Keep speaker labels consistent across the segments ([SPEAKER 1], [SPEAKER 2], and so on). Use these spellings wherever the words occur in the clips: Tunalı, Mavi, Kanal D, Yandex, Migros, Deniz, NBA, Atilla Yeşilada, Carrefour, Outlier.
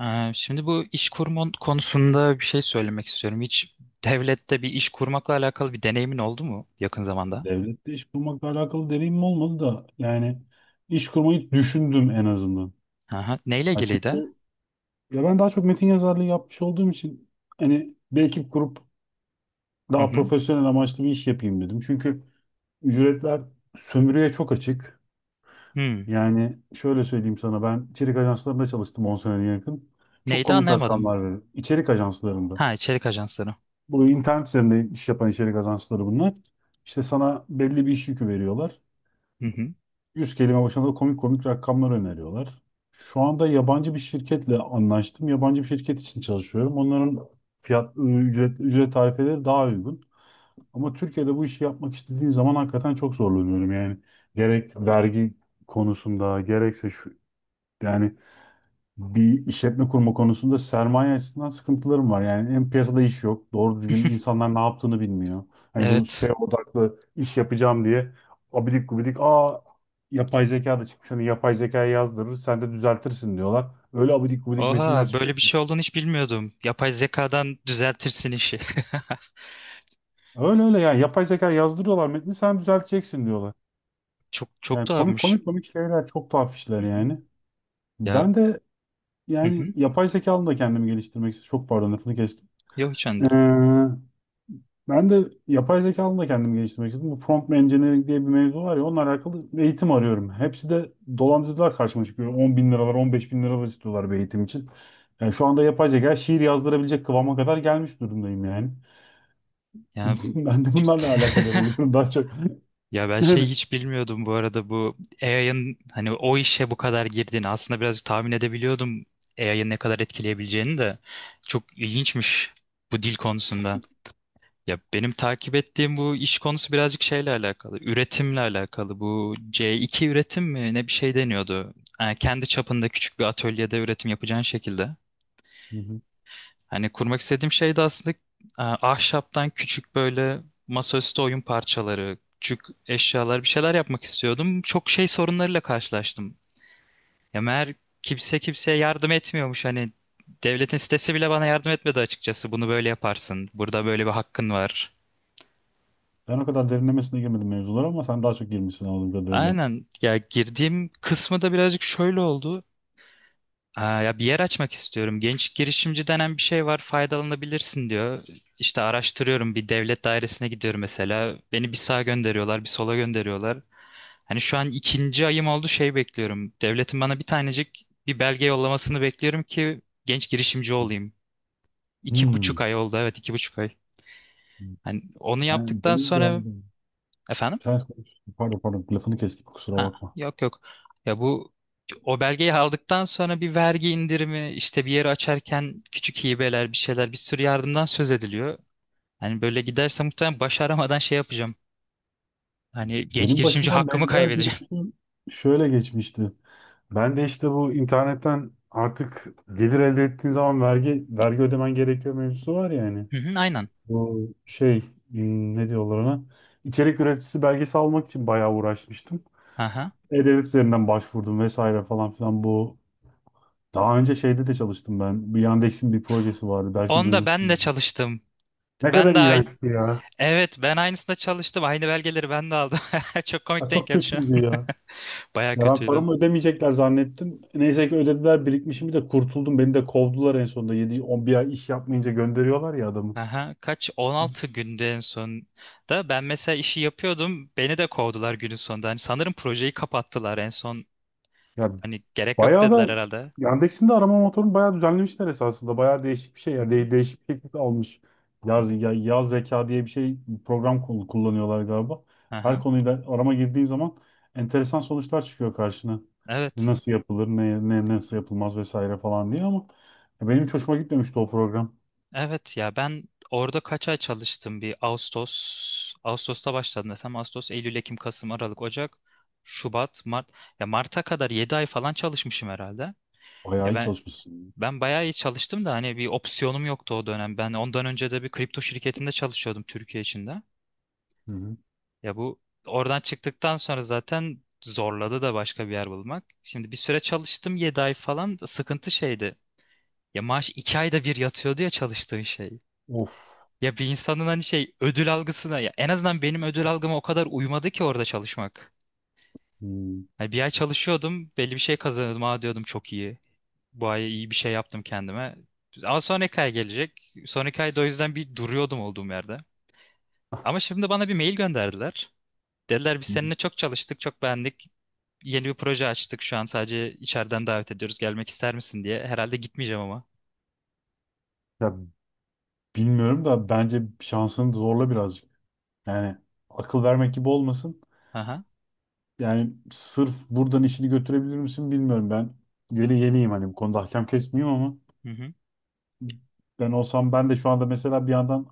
[SPEAKER 1] Şimdi bu iş kurma konusunda bir şey söylemek istiyorum. Hiç devlette bir iş kurmakla alakalı bir deneyimin oldu mu yakın zamanda?
[SPEAKER 2] Devlette iş kurmakla alakalı deneyimim olmadı da yani iş kurmayı düşündüm en azından.
[SPEAKER 1] Aha. Neyle
[SPEAKER 2] Ha
[SPEAKER 1] ilgiliydi?
[SPEAKER 2] çünkü ya ben daha çok metin yazarlığı yapmış olduğum için hani bir ekip kurup
[SPEAKER 1] Hı
[SPEAKER 2] daha
[SPEAKER 1] hı.
[SPEAKER 2] profesyonel amaçlı bir iş yapayım dedim. Çünkü ücretler sömürüye çok açık.
[SPEAKER 1] Hmm.
[SPEAKER 2] Yani şöyle söyleyeyim sana, ben içerik ajanslarında çalıştım 10 seneye yakın. Çok
[SPEAKER 1] Neydi
[SPEAKER 2] komik
[SPEAKER 1] anlayamadım.
[SPEAKER 2] rakamlar verir İçerik ajanslarında.
[SPEAKER 1] Ha içerik ajansları.
[SPEAKER 2] Bu internet üzerinde iş yapan içerik ajansları bunlar. İşte sana belli bir iş yükü veriyorlar.
[SPEAKER 1] Hı hı.
[SPEAKER 2] 100 kelime başına da komik komik rakamlar öneriyorlar. Şu anda yabancı bir şirketle anlaştım. Yabancı bir şirket için çalışıyorum. Onların ücret tarifeleri daha uygun. Ama Türkiye'de bu işi yapmak istediğin zaman hakikaten çok zorlanıyorum. Yani gerek vergi konusunda, gerekse şu yani bir işletme kurma konusunda sermaye açısından sıkıntılarım var. Yani hem piyasada iş yok, doğru düzgün insanlar ne yaptığını bilmiyor. Hani bu
[SPEAKER 1] Evet.
[SPEAKER 2] SEO odaklı iş yapacağım diye abidik gubidik yapay zeka da çıkmış, hani yapay zekaya yazdırır sen de düzeltirsin diyorlar. Öyle abidik gubidik metinler
[SPEAKER 1] Oha
[SPEAKER 2] çıkıyor
[SPEAKER 1] böyle bir
[SPEAKER 2] ki.
[SPEAKER 1] şey olduğunu hiç bilmiyordum. Yapay zekadan düzeltirsin işi.
[SPEAKER 2] Öyle öyle yani yapay zeka yazdırıyorlar, metni sen düzelteceksin diyorlar.
[SPEAKER 1] Çok çok
[SPEAKER 2] Yani komik
[SPEAKER 1] tuhafmış.
[SPEAKER 2] komik komik şeyler, çok tuhaf
[SPEAKER 1] Hı
[SPEAKER 2] işler
[SPEAKER 1] hı.
[SPEAKER 2] yani.
[SPEAKER 1] Ya,
[SPEAKER 2] Ben de
[SPEAKER 1] hı
[SPEAKER 2] yani
[SPEAKER 1] hı.
[SPEAKER 2] yapay zeka alanında kendimi geliştirmek istiyorum. Çok pardon, lafını kestim.
[SPEAKER 1] Yok hiç önemli
[SPEAKER 2] Ee,
[SPEAKER 1] değil.
[SPEAKER 2] Ben de yapay zeka alanında kendimi geliştirmek istedim. Bu prompt engineering diye bir mevzu var ya, onunla alakalı eğitim arıyorum. Hepsi de dolandırıcılar karşıma çıkıyor. 10 bin liralar, 15 bin liralar istiyorlar bir eğitim için. Yani şu anda yapay zeka şiir yazdırabilecek kıvama kadar gelmiş durumdayım yani.
[SPEAKER 1] Ya.
[SPEAKER 2] Ben de bunlarla alakadar oluyorum daha çok.
[SPEAKER 1] Ya ben şey
[SPEAKER 2] Yani.
[SPEAKER 1] hiç bilmiyordum bu arada bu AI'ın hani o işe bu kadar girdiğini aslında birazcık tahmin edebiliyordum. AI'ın ne kadar etkileyebileceğini de çok ilginçmiş bu dil konusunda. Ya benim takip ettiğim bu iş konusu birazcık şeyle alakalı, üretimle alakalı. Bu C2 üretim mi ne bir şey deniyordu. Yani kendi çapında küçük bir atölyede üretim yapacağın şekilde.
[SPEAKER 2] Hı hı.
[SPEAKER 1] Hani kurmak istediğim şey de aslında ahşaptan küçük böyle masaüstü oyun parçaları, küçük eşyalar bir şeyler yapmak istiyordum. Çok şey sorunlarıyla karşılaştım. Ya meğer kimse kimseye yardım etmiyormuş. Hani devletin sitesi bile bana yardım etmedi açıkçası. Bunu böyle yaparsın. Burada böyle bir hakkın var.
[SPEAKER 2] Ben o kadar derinlemesine girmedim mevzulara, ama sen daha çok girmişsin anladığım kadarıyla.
[SPEAKER 1] Aynen. Ya girdiğim kısmı da birazcık şöyle oldu. Aa, ya bir yer açmak istiyorum. Genç girişimci denen bir şey var, faydalanabilirsin diyor. İşte araştırıyorum, bir devlet dairesine gidiyorum mesela. Beni bir sağa gönderiyorlar, bir sola gönderiyorlar. Hani şu an ikinci ayım oldu şey bekliyorum. Devletin bana bir tanecik bir belge yollamasını bekliyorum ki genç girişimci olayım. İki buçuk
[SPEAKER 2] Hmm.
[SPEAKER 1] ay oldu, evet 2,5 ay. Hani onu
[SPEAKER 2] Ben,
[SPEAKER 1] yaptıktan
[SPEAKER 2] benim de
[SPEAKER 1] sonra
[SPEAKER 2] anladım.
[SPEAKER 1] efendim?
[SPEAKER 2] Sen konuş. Pardon, lafını kestik, kusura
[SPEAKER 1] Ha,
[SPEAKER 2] bakma.
[SPEAKER 1] yok yok. Ya bu o belgeyi aldıktan sonra bir vergi indirimi, işte bir yeri açarken küçük hibeler, bir şeyler, bir sürü yardımdan söz ediliyor. Hani böyle giderse muhtemelen başaramadan şey yapacağım. Hani genç
[SPEAKER 2] Benim
[SPEAKER 1] girişimci
[SPEAKER 2] başımdan
[SPEAKER 1] hakkımı
[SPEAKER 2] benzer bir
[SPEAKER 1] kaybedeceğim.
[SPEAKER 2] mevzu şöyle geçmişti. Ben de işte bu internetten artık gelir elde ettiğin zaman vergi ödemen gerekiyor mevzusu var ya hani.
[SPEAKER 1] Hı hı, aynen.
[SPEAKER 2] Bu şey, ne diyorlar ona? İçerik üreticisi belgesi almak için bayağı uğraşmıştım.
[SPEAKER 1] Aha.
[SPEAKER 2] E-Devlet üzerinden başvurdum vesaire falan filan bu. Daha önce şeyde de çalıştım ben. Bir Yandex'in bir projesi vardı. Belki
[SPEAKER 1] Onda ben de
[SPEAKER 2] duymuşsunuz.
[SPEAKER 1] çalıştım.
[SPEAKER 2] Ne
[SPEAKER 1] Ben
[SPEAKER 2] kadar
[SPEAKER 1] de aynı.
[SPEAKER 2] iğrençti ya.
[SPEAKER 1] Evet, ben aynısında çalıştım. Aynı belgeleri ben de aldım. Çok
[SPEAKER 2] Ya
[SPEAKER 1] komik denk
[SPEAKER 2] çok
[SPEAKER 1] geldi şu an.
[SPEAKER 2] kötüydü ya.
[SPEAKER 1] Baya
[SPEAKER 2] Ya ben
[SPEAKER 1] kötüydü.
[SPEAKER 2] paramı ödemeyecekler zannettim. Neyse ki ödediler, birikmişimi de kurtuldum. Beni de kovdular en sonunda. 7-11 ay iş yapmayınca gönderiyorlar ya adamı.
[SPEAKER 1] Aha, kaç 16 günde en son da ben mesela işi yapıyordum beni de kovdular günün sonunda. Hani sanırım projeyi kapattılar en son
[SPEAKER 2] Ya
[SPEAKER 1] hani gerek yok
[SPEAKER 2] bayağı
[SPEAKER 1] dediler
[SPEAKER 2] da
[SPEAKER 1] herhalde.
[SPEAKER 2] Yandex'in de arama motorunu bayağı düzenlemişler esasında. Bayağı değişik bir şey
[SPEAKER 1] Hı
[SPEAKER 2] ya.
[SPEAKER 1] hı.
[SPEAKER 2] De değişik bir şekilde almış.
[SPEAKER 1] Hı
[SPEAKER 2] Yaz,
[SPEAKER 1] hı.
[SPEAKER 2] ya, yaz zeka diye bir şey, bir program kullanıyorlar galiba. Her
[SPEAKER 1] Aha,
[SPEAKER 2] konuyla arama girdiğin zaman enteresan sonuçlar çıkıyor karşına.
[SPEAKER 1] evet.
[SPEAKER 2] Nasıl yapılır, ne nasıl yapılmaz vesaire falan diye, ama ya benim hiç hoşuma gitmemişti o program.
[SPEAKER 1] Evet, ya ben orada kaç ay çalıştım bir Ağustos Ağustos'ta başladım desem Ağustos Eylül Ekim Kasım Aralık Ocak Şubat Mart ya Mart'a kadar 7 ay falan çalışmışım herhalde.
[SPEAKER 2] Bayağı
[SPEAKER 1] Ya
[SPEAKER 2] iyi
[SPEAKER 1] ben
[SPEAKER 2] çalışmışsın.
[SPEAKER 1] ben bayağı iyi çalıştım da hani bir opsiyonum yoktu o dönem. Ben ondan önce de bir kripto şirketinde çalışıyordum Türkiye içinde.
[SPEAKER 2] Hı hı.
[SPEAKER 1] Ya bu oradan çıktıktan sonra zaten zorladı da başka bir yer bulmak. Şimdi bir süre çalıştım 7 ay falan sıkıntı şeydi. Ya maaş 2 ayda bir yatıyordu ya çalıştığın şey.
[SPEAKER 2] Of.
[SPEAKER 1] Ya bir insanın hani şey ödül algısına ya en azından benim ödül algıma o kadar uymadı ki orada çalışmak.
[SPEAKER 2] Hmm.
[SPEAKER 1] Hani bir ay çalışıyordum belli bir şey kazanıyordum. Aa diyordum çok iyi. Bu ay iyi bir şey yaptım kendime. Ama sonraki ay gelecek. Sonraki ayda o yüzden bir duruyordum olduğum yerde. Ama şimdi bana bir mail gönderdiler. Dediler biz
[SPEAKER 2] Hı.
[SPEAKER 1] seninle çok çalıştık, çok beğendik. Yeni bir proje açtık şu an sadece içeriden davet ediyoruz gelmek ister misin diye. Herhalde gitmeyeceğim ama.
[SPEAKER 2] Ya bilmiyorum da, bence şansını zorla birazcık. Yani akıl vermek gibi olmasın.
[SPEAKER 1] Aha.
[SPEAKER 2] Yani sırf buradan işini götürebilir misin bilmiyorum ben. Yeni yeniyim hani bu konuda, hakem kesmeyeyim, ama
[SPEAKER 1] Hı hı.
[SPEAKER 2] ben olsam, ben de şu anda mesela bir yandan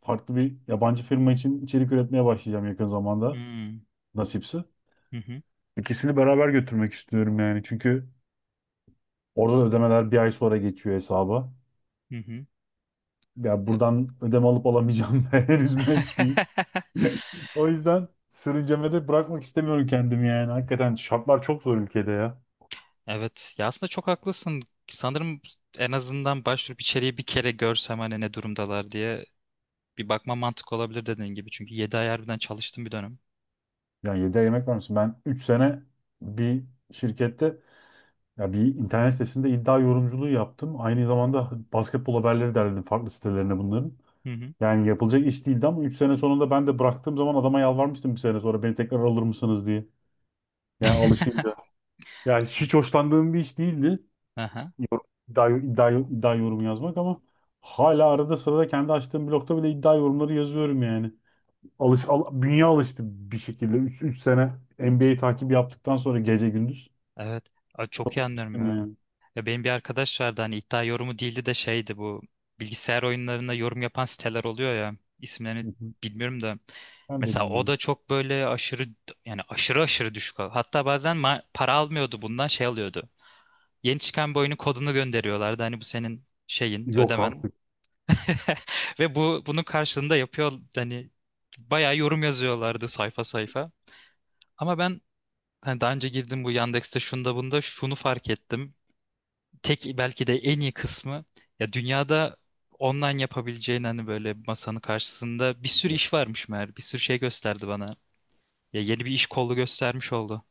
[SPEAKER 2] farklı bir yabancı firma için içerik üretmeye başlayacağım yakın zamanda,
[SPEAKER 1] Hmm.
[SPEAKER 2] nasipse.
[SPEAKER 1] Hı hı.
[SPEAKER 2] İkisini beraber götürmek istiyorum yani, çünkü orada da ödemeler bir ay sonra geçiyor hesaba.
[SPEAKER 1] Hı hı.
[SPEAKER 2] Ya
[SPEAKER 1] Ya.
[SPEAKER 2] buradan ödeme alıp alamayacağım da henüz net değil. O yüzden sürüncemede bırakmak istemiyorum kendimi yani. Hakikaten şartlar çok zor ülkede ya.
[SPEAKER 1] Evet ya aslında çok haklısın. Sanırım en azından başvurup içeriği bir kere görsem hani ne durumdalar diye bir bakma mantık olabilir dediğin gibi. Çünkü 7 ay harbiden çalıştım bir dönem.
[SPEAKER 2] Ya 7 ay yemek var mısın? Ben 3 sene bir şirkette, ya bir internet sitesinde iddia yorumculuğu yaptım. Aynı zamanda basketbol haberleri derledim farklı sitelerine bunların.
[SPEAKER 1] Hı hı.
[SPEAKER 2] Yani yapılacak iş değildi, ama 3 sene sonunda ben de bıraktığım zaman adama yalvarmıştım bir sene sonra beni tekrar alır mısınız diye. Yani alışınca. Ya
[SPEAKER 1] An-
[SPEAKER 2] hiç hoşlandığım bir iş değildi.
[SPEAKER 1] Aha,
[SPEAKER 2] Yorum, iddia yorum yazmak, ama hala arada sırada kendi açtığım blogda bile iddia yorumları yazıyorum yani. Bünye alıştı bir şekilde. 3 sene NBA takip yaptıktan sonra gece gündüz.
[SPEAKER 1] evet. Aa, çok iyi anlıyorum
[SPEAKER 2] Değil mi
[SPEAKER 1] ya.
[SPEAKER 2] yani.
[SPEAKER 1] Ya benim bir arkadaş vardı hani iddia yorumu değildi de şeydi bu bilgisayar oyunlarında yorum yapan siteler oluyor ya
[SPEAKER 2] Hı
[SPEAKER 1] isimlerini
[SPEAKER 2] hı.
[SPEAKER 1] bilmiyorum da
[SPEAKER 2] Ben de
[SPEAKER 1] mesela o
[SPEAKER 2] bilmiyorum.
[SPEAKER 1] da çok böyle aşırı yani aşırı aşırı düşük hatta bazen para almıyordu bundan şey alıyordu yeni çıkan bir oyunun kodunu gönderiyorlardı hani bu senin şeyin
[SPEAKER 2] Yok
[SPEAKER 1] ödemen.
[SPEAKER 2] artık.
[SPEAKER 1] Ve bu bunun karşılığında yapıyor hani bayağı yorum yazıyorlardı sayfa sayfa ama ben hani daha önce girdim bu Yandex'te şunda bunda şunu fark ettim tek belki de en iyi kısmı ya dünyada online yapabileceğin hani böyle masanın karşısında bir sürü
[SPEAKER 2] Ya.
[SPEAKER 1] iş varmış meğer. Bir sürü şey gösterdi bana. Ya yeni bir iş kolu göstermiş oldu.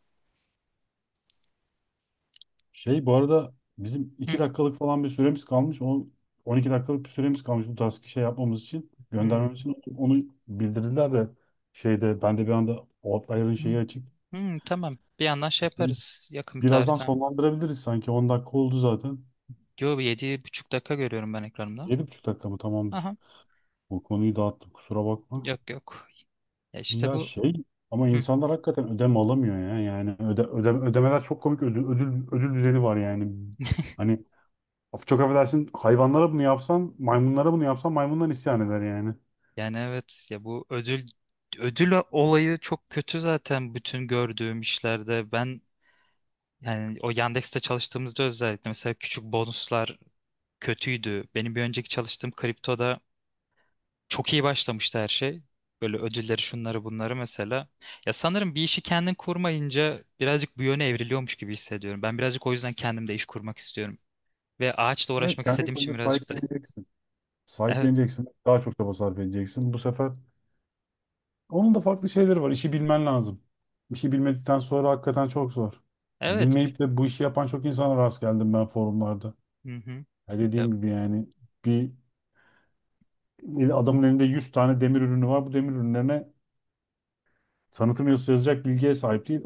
[SPEAKER 2] Şey, bu arada bizim 2
[SPEAKER 1] Hı,
[SPEAKER 2] dakikalık falan bir süremiz kalmış. O 12 dakikalık bir süremiz kalmış bu tarz şey yapmamız için.
[SPEAKER 1] hı,
[SPEAKER 2] Göndermemiz için onu bildirdiler de, şeyde ben de bir anda Outlier'ın
[SPEAKER 1] hı,
[SPEAKER 2] şeyi açık.
[SPEAKER 1] hı, tamam. Bir yandan şey yaparız yakın bir
[SPEAKER 2] Birazdan
[SPEAKER 1] tarihten.
[SPEAKER 2] sonlandırabiliriz sanki. 10 dakika oldu zaten.
[SPEAKER 1] Yo 7,5 dakika görüyorum ben ekranımda.
[SPEAKER 2] 7,5 dakika mı? Tamamdır.
[SPEAKER 1] Aha,
[SPEAKER 2] Bu konuyu dağıttım, kusura bakma.
[SPEAKER 1] yok yok. Ya işte
[SPEAKER 2] Ya
[SPEAKER 1] bu.
[SPEAKER 2] şey, ama
[SPEAKER 1] Hı.
[SPEAKER 2] insanlar hakikaten ödeme alamıyor ya. Yani ödemeler çok komik, ödül düzeni var yani. Hani çok affedersin, hayvanlara bunu yapsan, maymunlara bunu yapsan, maymundan isyan eder yani.
[SPEAKER 1] Yani evet ya bu ödül olayı çok kötü zaten bütün gördüğüm işlerde. Ben yani o Yandex'te çalıştığımızda özellikle mesela küçük bonuslar kötüydü. Benim bir önceki çalıştığım kriptoda çok iyi başlamıştı her şey. Böyle ödülleri şunları bunları mesela. Ya sanırım bir işi kendin kurmayınca birazcık bu yöne evriliyormuş gibi hissediyorum. Ben birazcık o yüzden kendim de iş kurmak istiyorum. Ve ağaçla
[SPEAKER 2] Evet,
[SPEAKER 1] uğraşmak
[SPEAKER 2] kendi
[SPEAKER 1] istediğim
[SPEAKER 2] kendine
[SPEAKER 1] için birazcık da.
[SPEAKER 2] sahipleneceksin.
[SPEAKER 1] Evet.
[SPEAKER 2] Sahipleneceksin. Daha çok çaba sarf edeceksin. Bu sefer onun da farklı şeyleri var. İşi bilmen lazım. İşi bilmedikten sonra hakikaten çok zor. Yani
[SPEAKER 1] Evet.
[SPEAKER 2] bilmeyip de bu işi yapan çok insana rast geldim ben forumlarda.
[SPEAKER 1] Hı hı.
[SPEAKER 2] Ya
[SPEAKER 1] Ya,
[SPEAKER 2] dediğim gibi yani, bir adamın elinde 100 tane demir ürünü var. Bu demir ürünlerine tanıtım yazısı yazacak bilgiye sahip değil.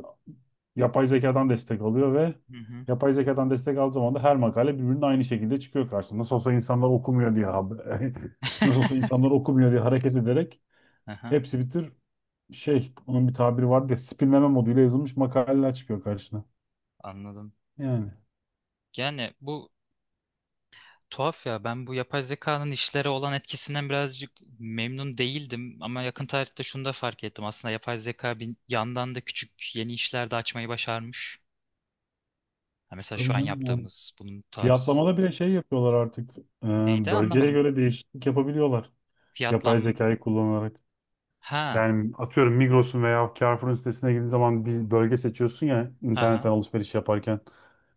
[SPEAKER 2] Yapay zekadan destek alıyor ve
[SPEAKER 1] hı hı.
[SPEAKER 2] yapay zekadan destek aldığı zaman da her makale birbirinin aynı şekilde çıkıyor karşısına. Nasıl olsa insanlar okumuyor diye haber. Nasıl olsa insanlar okumuyor diye hareket ederek
[SPEAKER 1] Aha,
[SPEAKER 2] hepsi şey, onun bir tabiri var diye, spinleme moduyla yazılmış makaleler çıkıyor karşına.
[SPEAKER 1] anladım.
[SPEAKER 2] Yani
[SPEAKER 1] Yani bu tuhaf ya ben bu yapay zekanın işlere olan etkisinden birazcık memnun değildim ama yakın tarihte şunu da fark ettim. Aslında yapay zeka bir yandan da küçük yeni işler de açmayı başarmış. Ha, mesela
[SPEAKER 2] tabii
[SPEAKER 1] şu an
[SPEAKER 2] canım yani.
[SPEAKER 1] yaptığımız bunun tarz.
[SPEAKER 2] Fiyatlamada bile şey yapıyorlar artık. Ee,
[SPEAKER 1] Neydi
[SPEAKER 2] bölgeye
[SPEAKER 1] anlamadım.
[SPEAKER 2] göre değişiklik yapabiliyorlar. Yapay
[SPEAKER 1] Fiyatlam...
[SPEAKER 2] zekayı kullanarak.
[SPEAKER 1] Ha.
[SPEAKER 2] Yani atıyorum Migros'un veya Carrefour'un sitesine girdiğin zaman bir bölge seçiyorsun ya,
[SPEAKER 1] Ha
[SPEAKER 2] internetten
[SPEAKER 1] ha.
[SPEAKER 2] alışveriş yaparken.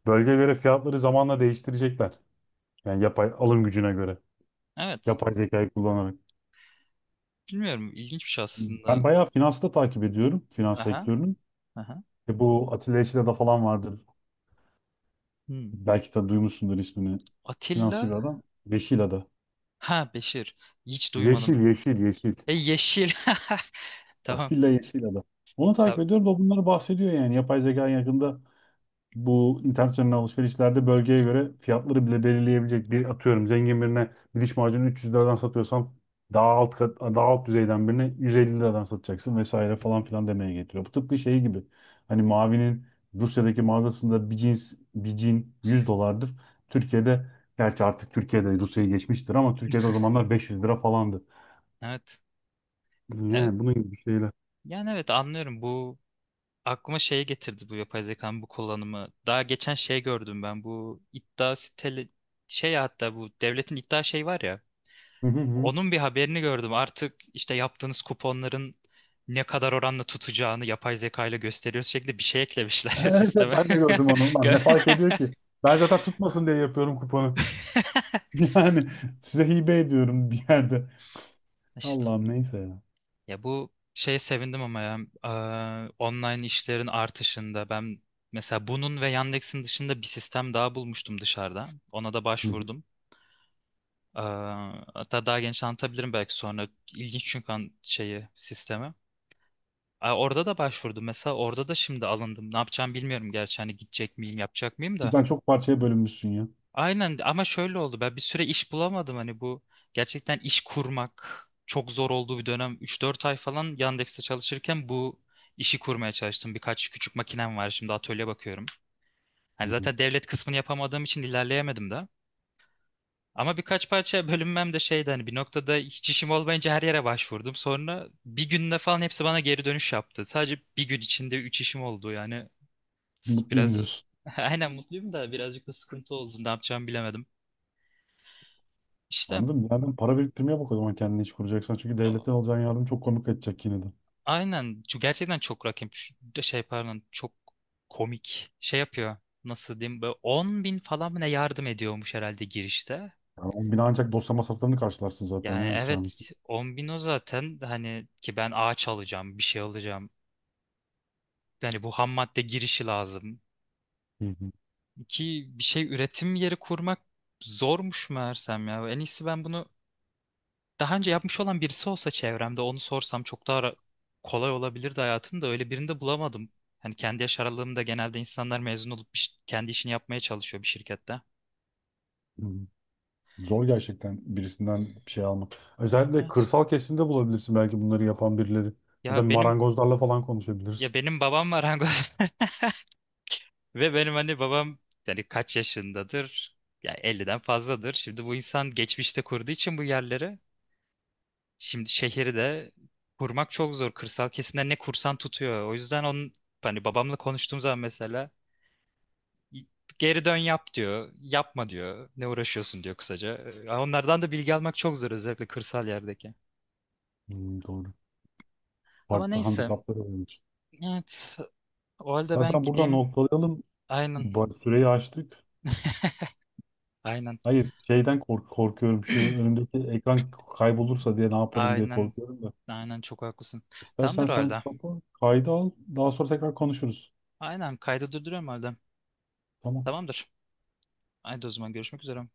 [SPEAKER 2] Bölgeye göre fiyatları zamanla değiştirecekler. Yani yapay alım gücüne göre.
[SPEAKER 1] Evet.
[SPEAKER 2] Yapay zekayı kullanarak.
[SPEAKER 1] Bilmiyorum ilginç bir şey aslında.
[SPEAKER 2] Ben bayağı finansı da takip ediyorum, finans
[SPEAKER 1] Ha ha.
[SPEAKER 2] sektörünün.
[SPEAKER 1] Ha ha.
[SPEAKER 2] E bu Atilla Yeşilada falan vardır.
[SPEAKER 1] Hmm.
[SPEAKER 2] Belki de duymuşsundur ismini. Finansçı
[SPEAKER 1] Atilla?
[SPEAKER 2] bir adam, Yeşilada.
[SPEAKER 1] Ha Beşir. Hiç duymadım.
[SPEAKER 2] Yeşil, yeşil, yeşil.
[SPEAKER 1] E yeşil. Tamam.
[SPEAKER 2] Atilla Yeşilada. Onu takip
[SPEAKER 1] Tamam.
[SPEAKER 2] ediyorum da, o bunları bahsediyor yani. Yapay zeka yakında bu internet üzerinden alışverişlerde bölgeye göre fiyatları bile belirleyebilecek, bir atıyorum zengin birine bir diş macunu 300 liradan satıyorsam, daha alt kat, daha alt düzeyden birine 150 liradan satacaksın vesaire
[SPEAKER 1] Hı hı.
[SPEAKER 2] falan filan demeye getiriyor. Bu tıpkı şey gibi, hani Mavi'nin Rusya'daki mağazasında bir cins, bir cin 100 dolardır. Türkiye'de, gerçi artık Türkiye'de Rusya'yı geçmiştir, ama Türkiye'de o zamanlar 500 lira falandı.
[SPEAKER 1] Evet. Ya-
[SPEAKER 2] Yani bunun gibi şeyler.
[SPEAKER 1] Yani evet anlıyorum bu aklıma şeye getirdi bu yapay zekanın bu kullanımı. Daha geçen şey gördüm ben bu iddia siteli şey ya hatta bu devletin iddia şey var ya.
[SPEAKER 2] Hı hı hı.
[SPEAKER 1] Onun bir haberini gördüm. Artık işte yaptığınız kuponların ne kadar oranla tutacağını yapay zeka ile gösteriyoruz şeklinde bir şey eklemişler
[SPEAKER 2] Evet,
[SPEAKER 1] sisteme.
[SPEAKER 2] ben de gördüm onu. Lan
[SPEAKER 1] Gö-
[SPEAKER 2] ne fark ediyor ki? Ben zaten tutmasın diye yapıyorum kuponu. Yani size hibe ediyorum bir yerde.
[SPEAKER 1] İşte
[SPEAKER 2] Allah'ım neyse ya.
[SPEAKER 1] ya bu şeye sevindim ama ya online işlerin artışında ben mesela bunun ve Yandex'in dışında bir sistem daha bulmuştum dışarıda. Ona da
[SPEAKER 2] Hı hı,
[SPEAKER 1] başvurdum. Ee, hatta daha genç anlatabilirim belki sonra. İlginç çünkü şeyi, sistemi. Aa, orada da başvurdum. Mesela orada da şimdi alındım. Ne yapacağım bilmiyorum gerçi. Hani gidecek miyim, yapacak mıyım da.
[SPEAKER 2] sen çok parçaya bölünmüşsün ya.
[SPEAKER 1] Aynen ama şöyle oldu. Ben bir süre iş bulamadım. Hani bu gerçekten iş kurmak çok zor olduğu bir dönem. 3-4 ay falan Yandex'te çalışırken bu işi kurmaya çalıştım. Birkaç küçük makinem var. Şimdi atölye bakıyorum. Hani
[SPEAKER 2] Hı hı.
[SPEAKER 1] zaten devlet kısmını yapamadığım için ilerleyemedim de. Ama birkaç parça bölünmem de şeydi hani bir noktada hiç işim olmayınca her yere başvurdum. Sonra bir günde falan hepsi bana geri dönüş yaptı. Sadece bir gün içinde üç işim oldu yani
[SPEAKER 2] Mutluyum
[SPEAKER 1] biraz.
[SPEAKER 2] diyorsun.
[SPEAKER 1] Aynen mutluyum da birazcık da sıkıntı oldu. Ne yapacağımı bilemedim. İşte,
[SPEAKER 2] Anladım. Bir yerden para biriktirmeye bak o zaman, kendini iş kuracaksan. Çünkü
[SPEAKER 1] a-
[SPEAKER 2] devletten alacağın yardım çok komik kaçacak yine de.
[SPEAKER 1] aynen. Şu gerçekten çok rakip de şey pardon çok komik şey yapıyor. Nasıl diyeyim böyle 10 bin falan mı ne yardım ediyormuş herhalde girişte.
[SPEAKER 2] Yani o bina ancak dosya masraflarını karşılarsın zaten ya,
[SPEAKER 1] Yani
[SPEAKER 2] yapacağınız.
[SPEAKER 1] evet 10 bin o zaten hani ki ben ağaç alacağım bir şey alacağım. Yani bu ham madde girişi lazım.
[SPEAKER 2] Hı hı.
[SPEAKER 1] Ki bir şey üretim yeri kurmak zormuş meğersem ya. En iyisi ben bunu daha önce yapmış olan birisi olsa çevremde onu sorsam çok daha kolay olabilirdi hayatım da öyle birini de bulamadım. Hani kendi yaş aralığımda genelde insanlar mezun olup bir kendi işini yapmaya çalışıyor bir şirkette.
[SPEAKER 2] Hı hı. Zor gerçekten birisinden bir şey almak. Özellikle
[SPEAKER 1] Evet.
[SPEAKER 2] kırsal kesimde bulabilirsin belki bunları yapan birileri. Ya da
[SPEAKER 1] Ya benim
[SPEAKER 2] marangozlarla falan
[SPEAKER 1] ya
[SPEAKER 2] konuşabilirsin.
[SPEAKER 1] benim babam marangoz. Ve benim hani babam yani kaç yaşındadır? Yani 50'den fazladır. Şimdi bu insan geçmişte kurduğu için bu yerleri şimdi şehri de kurmak çok zor. Kırsal kesimde ne kursan tutuyor. O yüzden onun hani babamla konuştuğum zaman mesela geri dön yap diyor. Yapma diyor. Ne uğraşıyorsun diyor kısaca. Onlardan da bilgi almak çok zor özellikle kırsal yerdeki.
[SPEAKER 2] Hmm, doğru.
[SPEAKER 1] Ama
[SPEAKER 2] Farklı
[SPEAKER 1] neyse.
[SPEAKER 2] handikapları olmuş.
[SPEAKER 1] Evet. O halde ben
[SPEAKER 2] İstersen burada
[SPEAKER 1] gideyim.
[SPEAKER 2] noktalayalım.
[SPEAKER 1] Aynen.
[SPEAKER 2] Bu süreyi açtık.
[SPEAKER 1] Aynen.
[SPEAKER 2] Hayır, şeyden korkuyorum. Şu önümdeki ekran kaybolursa diye ne yaparım diye
[SPEAKER 1] Aynen.
[SPEAKER 2] korkuyorum da.
[SPEAKER 1] Aynen çok haklısın.
[SPEAKER 2] İstersen
[SPEAKER 1] Tamamdır o
[SPEAKER 2] sen
[SPEAKER 1] halde.
[SPEAKER 2] kaydı al. Daha sonra tekrar konuşuruz.
[SPEAKER 1] Aynen kaydı durduruyorum o halde.
[SPEAKER 2] Tamam.
[SPEAKER 1] Tamamdır. Haydi o zaman görüşmek üzere.